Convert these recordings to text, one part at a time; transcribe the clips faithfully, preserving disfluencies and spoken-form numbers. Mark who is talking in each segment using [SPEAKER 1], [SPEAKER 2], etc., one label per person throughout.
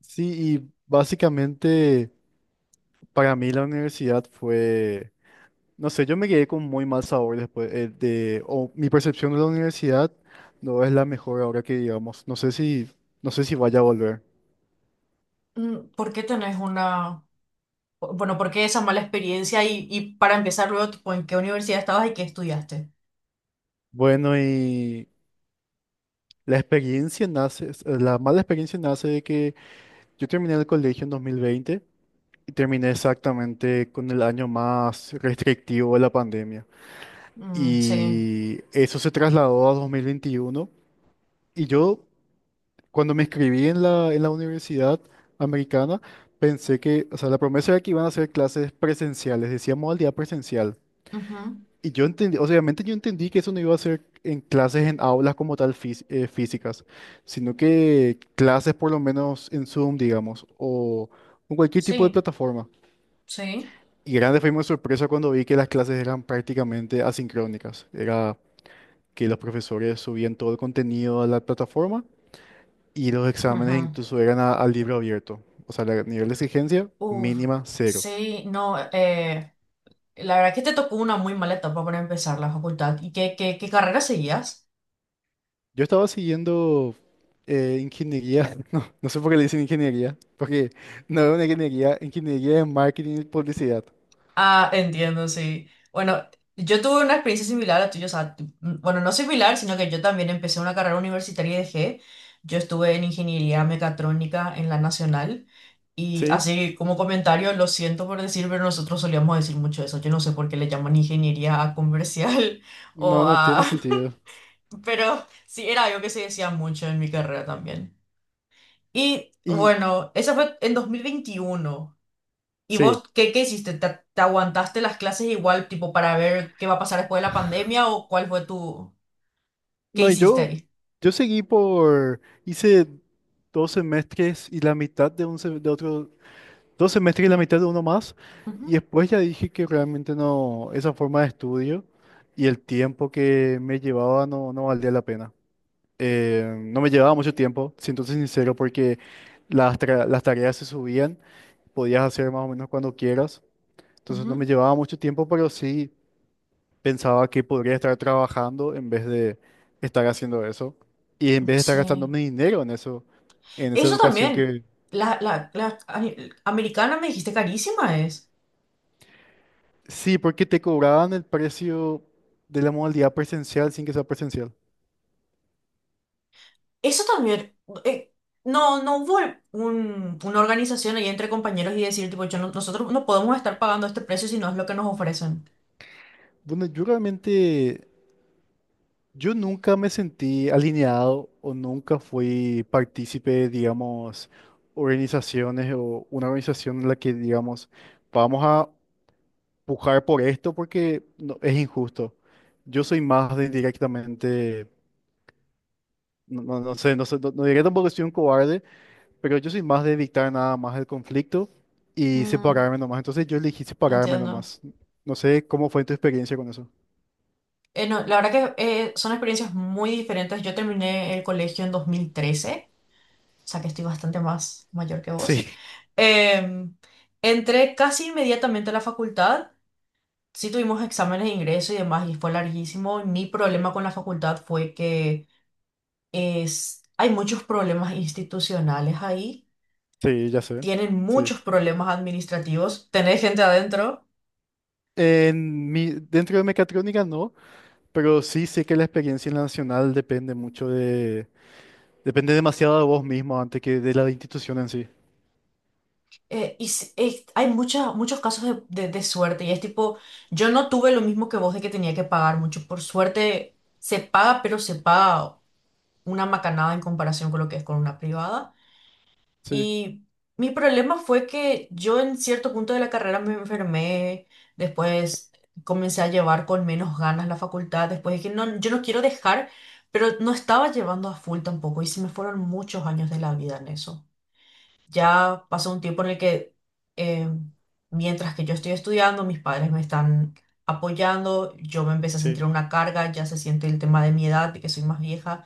[SPEAKER 1] Sí, y básicamente para mí la universidad fue, no sé, yo me quedé con muy mal sabor después eh, de, o mi percepción de la universidad no es la mejor ahora que digamos, no sé si, no sé si vaya a volver.
[SPEAKER 2] Mm, ¿por qué tenés una, bueno, por qué esa mala experiencia y, y para empezar luego, tipo, ¿en qué universidad estabas y qué estudiaste?
[SPEAKER 1] Bueno, y la experiencia nace, es- la mala experiencia nace de que yo terminé el colegio en dos mil veinte y terminé exactamente con el año más restrictivo de la pandemia.
[SPEAKER 2] Mm, sí.
[SPEAKER 1] Y eso se trasladó a dos mil veintiuno y yo... Cuando me inscribí en la, en la universidad americana, pensé que, o sea, la promesa era que iban a ser clases presenciales, decía modalidad presencial.
[SPEAKER 2] Ujú.
[SPEAKER 1] Y yo entendí, o sea, obviamente yo entendí que eso no iba a ser en clases en aulas como tal fis- eh, físicas, sino que clases por lo menos en Zoom, digamos, o en cualquier tipo de
[SPEAKER 2] Sí,
[SPEAKER 1] plataforma.
[SPEAKER 2] sí.
[SPEAKER 1] Y grande fue mi sorpresa cuando vi que las clases eran prácticamente asincrónicas. Era que los profesores subían todo el contenido a la plataforma. Y los
[SPEAKER 2] Ujú.
[SPEAKER 1] exámenes incluso eran a- al libro abierto. O sea, el nivel de exigencia
[SPEAKER 2] Uf,
[SPEAKER 1] mínima cero.
[SPEAKER 2] sí, no, eh, la verdad que te tocó una muy mala etapa para empezar la facultad. ¿Y qué, qué, qué carrera seguías?
[SPEAKER 1] Yo estaba siguiendo eh, ingeniería, no, no sé por qué le dicen ingeniería, porque no es una ingeniería, ingeniería de marketing y publicidad.
[SPEAKER 2] Ah, entiendo, sí. Bueno, yo tuve una experiencia similar a tuya, o sea, tu- mm, bueno, no similar, sino que yo también empecé una carrera universitaria y dejé. Yo estuve en ingeniería mecatrónica en la Nacional y
[SPEAKER 1] ¿Sí?
[SPEAKER 2] así como comentario, lo siento por decir, pero nosotros solíamos decir mucho eso. Yo no sé por qué le llaman ingeniería a comercial o
[SPEAKER 1] No, no
[SPEAKER 2] a...
[SPEAKER 1] tiene sentido.
[SPEAKER 2] Pero sí, era algo que se decía mucho en mi carrera también. Y
[SPEAKER 1] Y
[SPEAKER 2] bueno, esa fue en dos mil veintiuno. ¿Y vos
[SPEAKER 1] sí,
[SPEAKER 2] qué, qué hiciste? ¿Te, te aguantaste las clases igual, tipo, para ver qué va a pasar después de la pandemia o cuál fue tu... ¿Qué
[SPEAKER 1] no, y
[SPEAKER 2] hiciste
[SPEAKER 1] yo,
[SPEAKER 2] ahí?
[SPEAKER 1] yo seguí por, hice dos semestres y la mitad de, un, se- de otro dos semestres y la mitad de uno más. Y
[SPEAKER 2] Ujú,
[SPEAKER 1] después ya dije que realmente no, esa forma de estudio y el tiempo que me llevaba no, no valía la pena. Eh, no me llevaba mucho tiempo, siéndote sincero, porque las, tra- las tareas se subían, podías hacer más o menos cuando quieras. Entonces no me
[SPEAKER 2] ujú.
[SPEAKER 1] llevaba mucho tiempo, pero sí pensaba que podría estar trabajando en vez de estar haciendo eso. Y en vez de estar gastando
[SPEAKER 2] Sí.
[SPEAKER 1] mi dinero en eso, en esa
[SPEAKER 2] Eso
[SPEAKER 1] educación
[SPEAKER 2] también.
[SPEAKER 1] que,
[SPEAKER 2] La, la, la ani- americana me dijiste carísima es.
[SPEAKER 1] sí, porque te cobraban el precio de la modalidad presencial sin que sea presencial.
[SPEAKER 2] Eso también. eh, no, no hubo un- una organización ahí entre compañeros y decir, tipo, yo no- nosotros no podemos estar pagando este precio si no es lo que nos ofrecen.
[SPEAKER 1] Bueno, yo realmente, yo nunca me sentí alineado o nunca fui partícipe de, digamos, organizaciones o una organización en la que, digamos, vamos a pujar por esto porque no- es injusto. Yo soy más de directamente, no, no- no sé, no sé, no, no diría tampoco que soy un cobarde, pero yo soy más de evitar nada más el conflicto y
[SPEAKER 2] Mm,
[SPEAKER 1] separarme nomás. Entonces yo elegí separarme
[SPEAKER 2] entiendo.
[SPEAKER 1] nomás. No sé cómo fue tu experiencia con eso.
[SPEAKER 2] Eh, no, la verdad que eh, son experiencias muy diferentes. Yo terminé el colegio en dos mil trece, o sea que estoy bastante más mayor que vos.
[SPEAKER 1] Sí,
[SPEAKER 2] Eh, Entré casi inmediatamente a la facultad, sí tuvimos exámenes de ingreso y demás, y fue larguísimo. Mi problema con la facultad fue que es, hay muchos problemas institucionales ahí,
[SPEAKER 1] sí, ya sé.
[SPEAKER 2] tienen
[SPEAKER 1] Sí.
[SPEAKER 2] muchos problemas administrativos, tenés gente adentro.
[SPEAKER 1] En mi, dentro de mecatrónica no, pero sí sé que la experiencia en la nacional depende mucho de... Depende demasiado de vos mismo antes que de la institución en sí.
[SPEAKER 2] Eh, y s- es- hay mucha- muchos casos de, de de suerte y es tipo, yo no tuve lo mismo que vos de que tenía que pagar mucho. Por suerte se paga, pero se paga una macanada en comparación con lo que es con una privada.
[SPEAKER 1] Sí,
[SPEAKER 2] Y mi problema fue que yo en cierto punto de la carrera me enfermé, después comencé a llevar con menos ganas la facultad, después dije, no, yo no quiero dejar, pero no estaba llevando a full tampoco y se me fueron muchos años de la vida en eso. Ya pasó un tiempo en el que eh, mientras que yo estoy estudiando, mis padres me están apoyando, yo me empecé a
[SPEAKER 1] sí.
[SPEAKER 2] sentir una carga, ya se siente el tema de mi edad, de que soy más vieja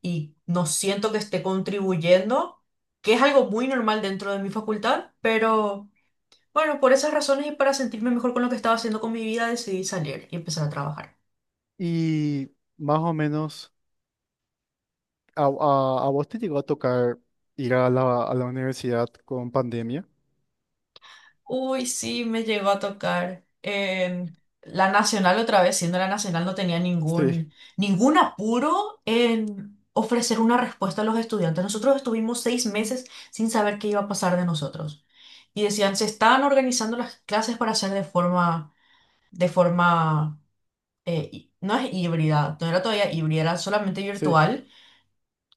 [SPEAKER 2] y no siento que esté contribuyendo, que es algo muy normal dentro de mi facultad, pero bueno, por esas razones y para sentirme mejor con lo que estaba haciendo con mi vida, decidí salir y empezar a trabajar.
[SPEAKER 1] Y más o menos, ¿a, a, a vos te llegó a tocar ir a la, a la universidad con pandemia?
[SPEAKER 2] Uy, sí, me llegó a tocar. En la Nacional otra vez, siendo la Nacional, no tenía
[SPEAKER 1] Sí,
[SPEAKER 2] ningún, ningún apuro en ofrecer una respuesta a los estudiantes. Nosotros estuvimos seis meses sin saber qué iba a pasar de nosotros. Y decían, se estaban organizando las clases para hacer de forma de forma eh, hí- no es híbrida, no era todavía híbrida, era solamente
[SPEAKER 1] sí.
[SPEAKER 2] virtual.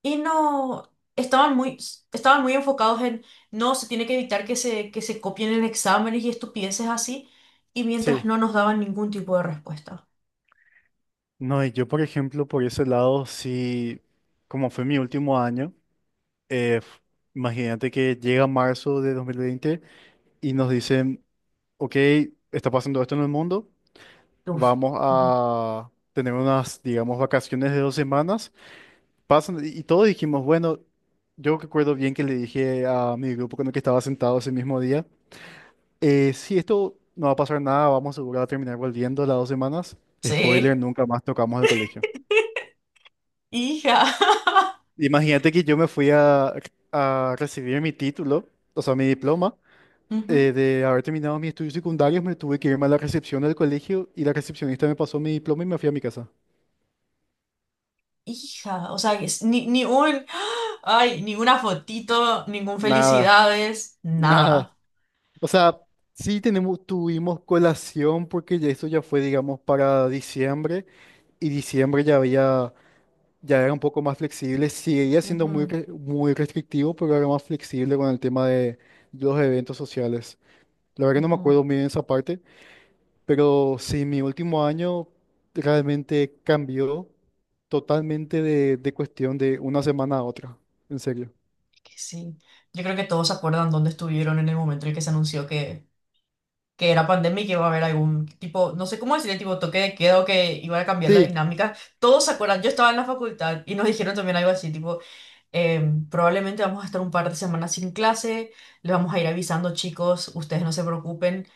[SPEAKER 2] Y no, estaban muy, estaban muy enfocados en, no, se tiene que evitar que se, que se copien en exámenes y estupideces así, y mientras
[SPEAKER 1] Sí,
[SPEAKER 2] no nos daban ningún tipo de respuesta.
[SPEAKER 1] no, y yo por ejemplo, por ese lado, sí, como fue mi último año, eh, f- imagínate que llega marzo de dos mil veinte y nos dicen, ok, está pasando esto en el mundo,
[SPEAKER 2] Uf.
[SPEAKER 1] vamos
[SPEAKER 2] Ujú.
[SPEAKER 1] a tener unas, digamos, vacaciones de dos semanas. Pasan, y y todos dijimos, bueno, yo recuerdo bien que le dije a mi grupo con el que estaba sentado ese mismo día, eh, si esto no va a pasar nada, vamos seguro a terminar volviendo las dos semanas. Spoiler,
[SPEAKER 2] Sí,
[SPEAKER 1] nunca más tocamos el colegio.
[SPEAKER 2] hija.
[SPEAKER 1] Imagínate que yo me fui a, a recibir mi título, o sea, mi diploma,
[SPEAKER 2] Ujú.
[SPEAKER 1] eh, de haber terminado mis estudios secundarios, me tuve que irme a la recepción del colegio y la recepcionista me pasó mi diploma y me fui a mi casa.
[SPEAKER 2] Hija, o sea, que es- ni, ni un, ay, ninguna fotito, ningún
[SPEAKER 1] Nada,
[SPEAKER 2] felicidades,
[SPEAKER 1] nada.
[SPEAKER 2] nada.
[SPEAKER 1] O sea, sí tenemos, tuvimos colación porque ya eso ya fue, digamos, para diciembre y diciembre ya había, ya era un poco más flexible, seguía siendo muy,
[SPEAKER 2] Ujú,
[SPEAKER 1] re- muy restrictivo, pero era más flexible con el tema de los eventos sociales. La verdad que no me
[SPEAKER 2] ujú.
[SPEAKER 1] acuerdo muy bien esa parte, pero sí, mi último año realmente cambió totalmente de, de cuestión de una semana a otra, en serio.
[SPEAKER 2] Que sí. Yo creo que todos se acuerdan dónde estuvieron en el momento en el que se anunció que, que era pandemia y que iba a haber algún tipo, no sé cómo decirle, tipo toque de queda o que iba a cambiar la
[SPEAKER 1] Sí,
[SPEAKER 2] dinámica. Todos se acuerdan, yo estaba en la facultad y nos dijeron también algo así, tipo, em, probablemente vamos a estar un par de semanas sin clase, les vamos a ir avisando, chicos, ustedes no se preocupen.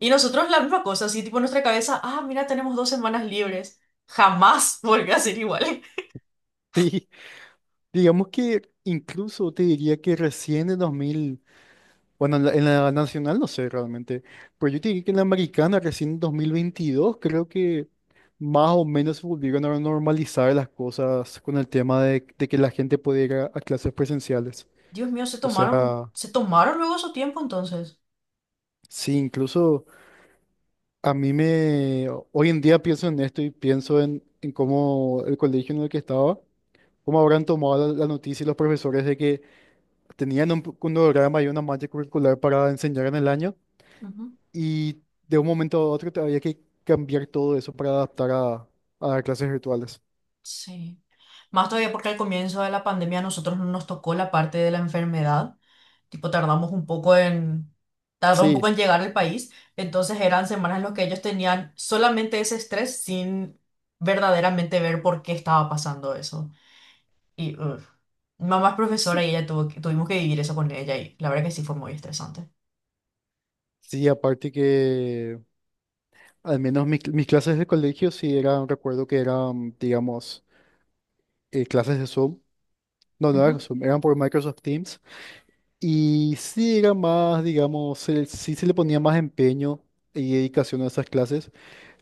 [SPEAKER 2] Y nosotros la misma cosa, así tipo en nuestra cabeza, ah, mira, tenemos dos semanas libres. Jamás volvió a ser igual.
[SPEAKER 1] sí, digamos que incluso te diría que recién en dos mil, bueno, en la, en la nacional no sé realmente, pero yo te diría que en la americana recién en dos mil veintidós creo que más o menos se volvieron a normalizar las cosas con el tema de, de que la gente pudiera ir a a clases presenciales.
[SPEAKER 2] Dios mío, se
[SPEAKER 1] O
[SPEAKER 2] tomaron,
[SPEAKER 1] sea,
[SPEAKER 2] se tomaron luego su tiempo entonces.
[SPEAKER 1] sí, incluso... A mí me, hoy en día pienso en esto y pienso en, en cómo el colegio en el que estaba, cómo habrán tomado la, la noticia y los profesores de que tenían un cronograma y una malla curricular para enseñar en el año
[SPEAKER 2] Ujú.
[SPEAKER 1] y de un momento a otro te- había que cambiar todo eso para adaptar a, a dar clases virtuales.
[SPEAKER 2] Sí. Más todavía porque al comienzo de la pandemia a nosotros no nos tocó la parte de la enfermedad. Tipo, tardamos un poco en, tardó un poco
[SPEAKER 1] Sí,
[SPEAKER 2] en llegar al país. Entonces eran semanas en las que ellos tenían solamente ese estrés sin verdaderamente ver por qué estaba pasando eso. Y uf. Mi mamá es profesora
[SPEAKER 1] sí,
[SPEAKER 2] y ella tuvo que- tuvimos que vivir eso con ella y la verdad que sí fue muy estresante.
[SPEAKER 1] sí, aparte que al menos mis, cl- mis clases de colegio sí eran, recuerdo que eran, digamos, eh, clases de Zoom, no, no eran
[SPEAKER 2] Ujú.
[SPEAKER 1] Zoom, eran por Microsoft Teams. Y sí era más, digamos, se sí se le ponía más empeño y dedicación a esas clases,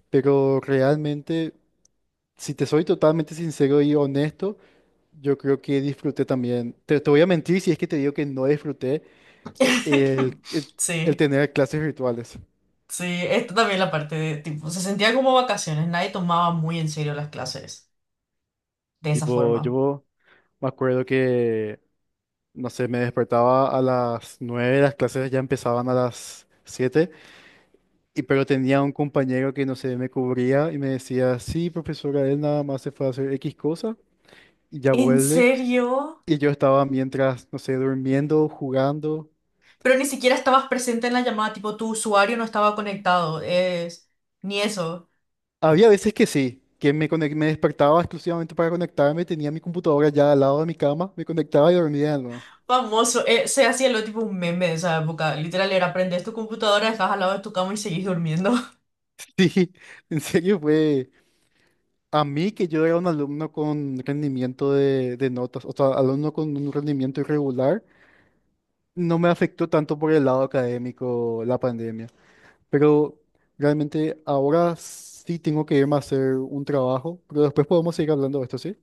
[SPEAKER 1] pero realmente, si te soy totalmente sincero y honesto, yo creo que disfruté también. Te, te voy a mentir si es que te digo que no disfruté el, el, el
[SPEAKER 2] Sí,
[SPEAKER 1] tener clases virtuales.
[SPEAKER 2] sí, esto también la parte de tipo, se sentía como vacaciones, nadie tomaba muy en serio las clases de esa
[SPEAKER 1] Tipo,
[SPEAKER 2] forma.
[SPEAKER 1] yo me acuerdo que, no sé, me despertaba a las nueve, las clases ya empezaban a las siete. Y pero tenía un compañero que no sé, me cubría y me decía, sí, profesora, él nada más se fue a hacer X cosa y ya
[SPEAKER 2] ¿En
[SPEAKER 1] vuelve.
[SPEAKER 2] serio?
[SPEAKER 1] Y yo estaba mientras, no sé, durmiendo, jugando.
[SPEAKER 2] Pero ni siquiera estabas presente en la llamada, tipo tu usuario no estaba conectado, es... ni eso.
[SPEAKER 1] Había veces que sí, que me, conec- me despertaba exclusivamente para conectarme, tenía mi computadora ya al lado de mi cama, me conectaba y dormía, ¿no?
[SPEAKER 2] Famoso, eh, se hacía lo tipo un meme de esa época. Literal, era prendes tu computadora, estás al lado de tu cama y seguís durmiendo.
[SPEAKER 1] Sí, en serio fue a mí que yo era un alumno con rendimiento de, de notas, o sea, alumno con un rendimiento irregular, no me afectó tanto por el lado académico la pandemia. Pero realmente ahora sí tengo que irme a hacer un trabajo, pero después podemos seguir hablando de esto, ¿sí?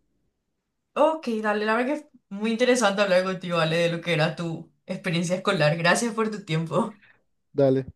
[SPEAKER 2] Ok, dale, la verdad que es muy interesante hablar contigo, Ale, de lo que era tu experiencia escolar. Gracias por tu tiempo.
[SPEAKER 1] Dale.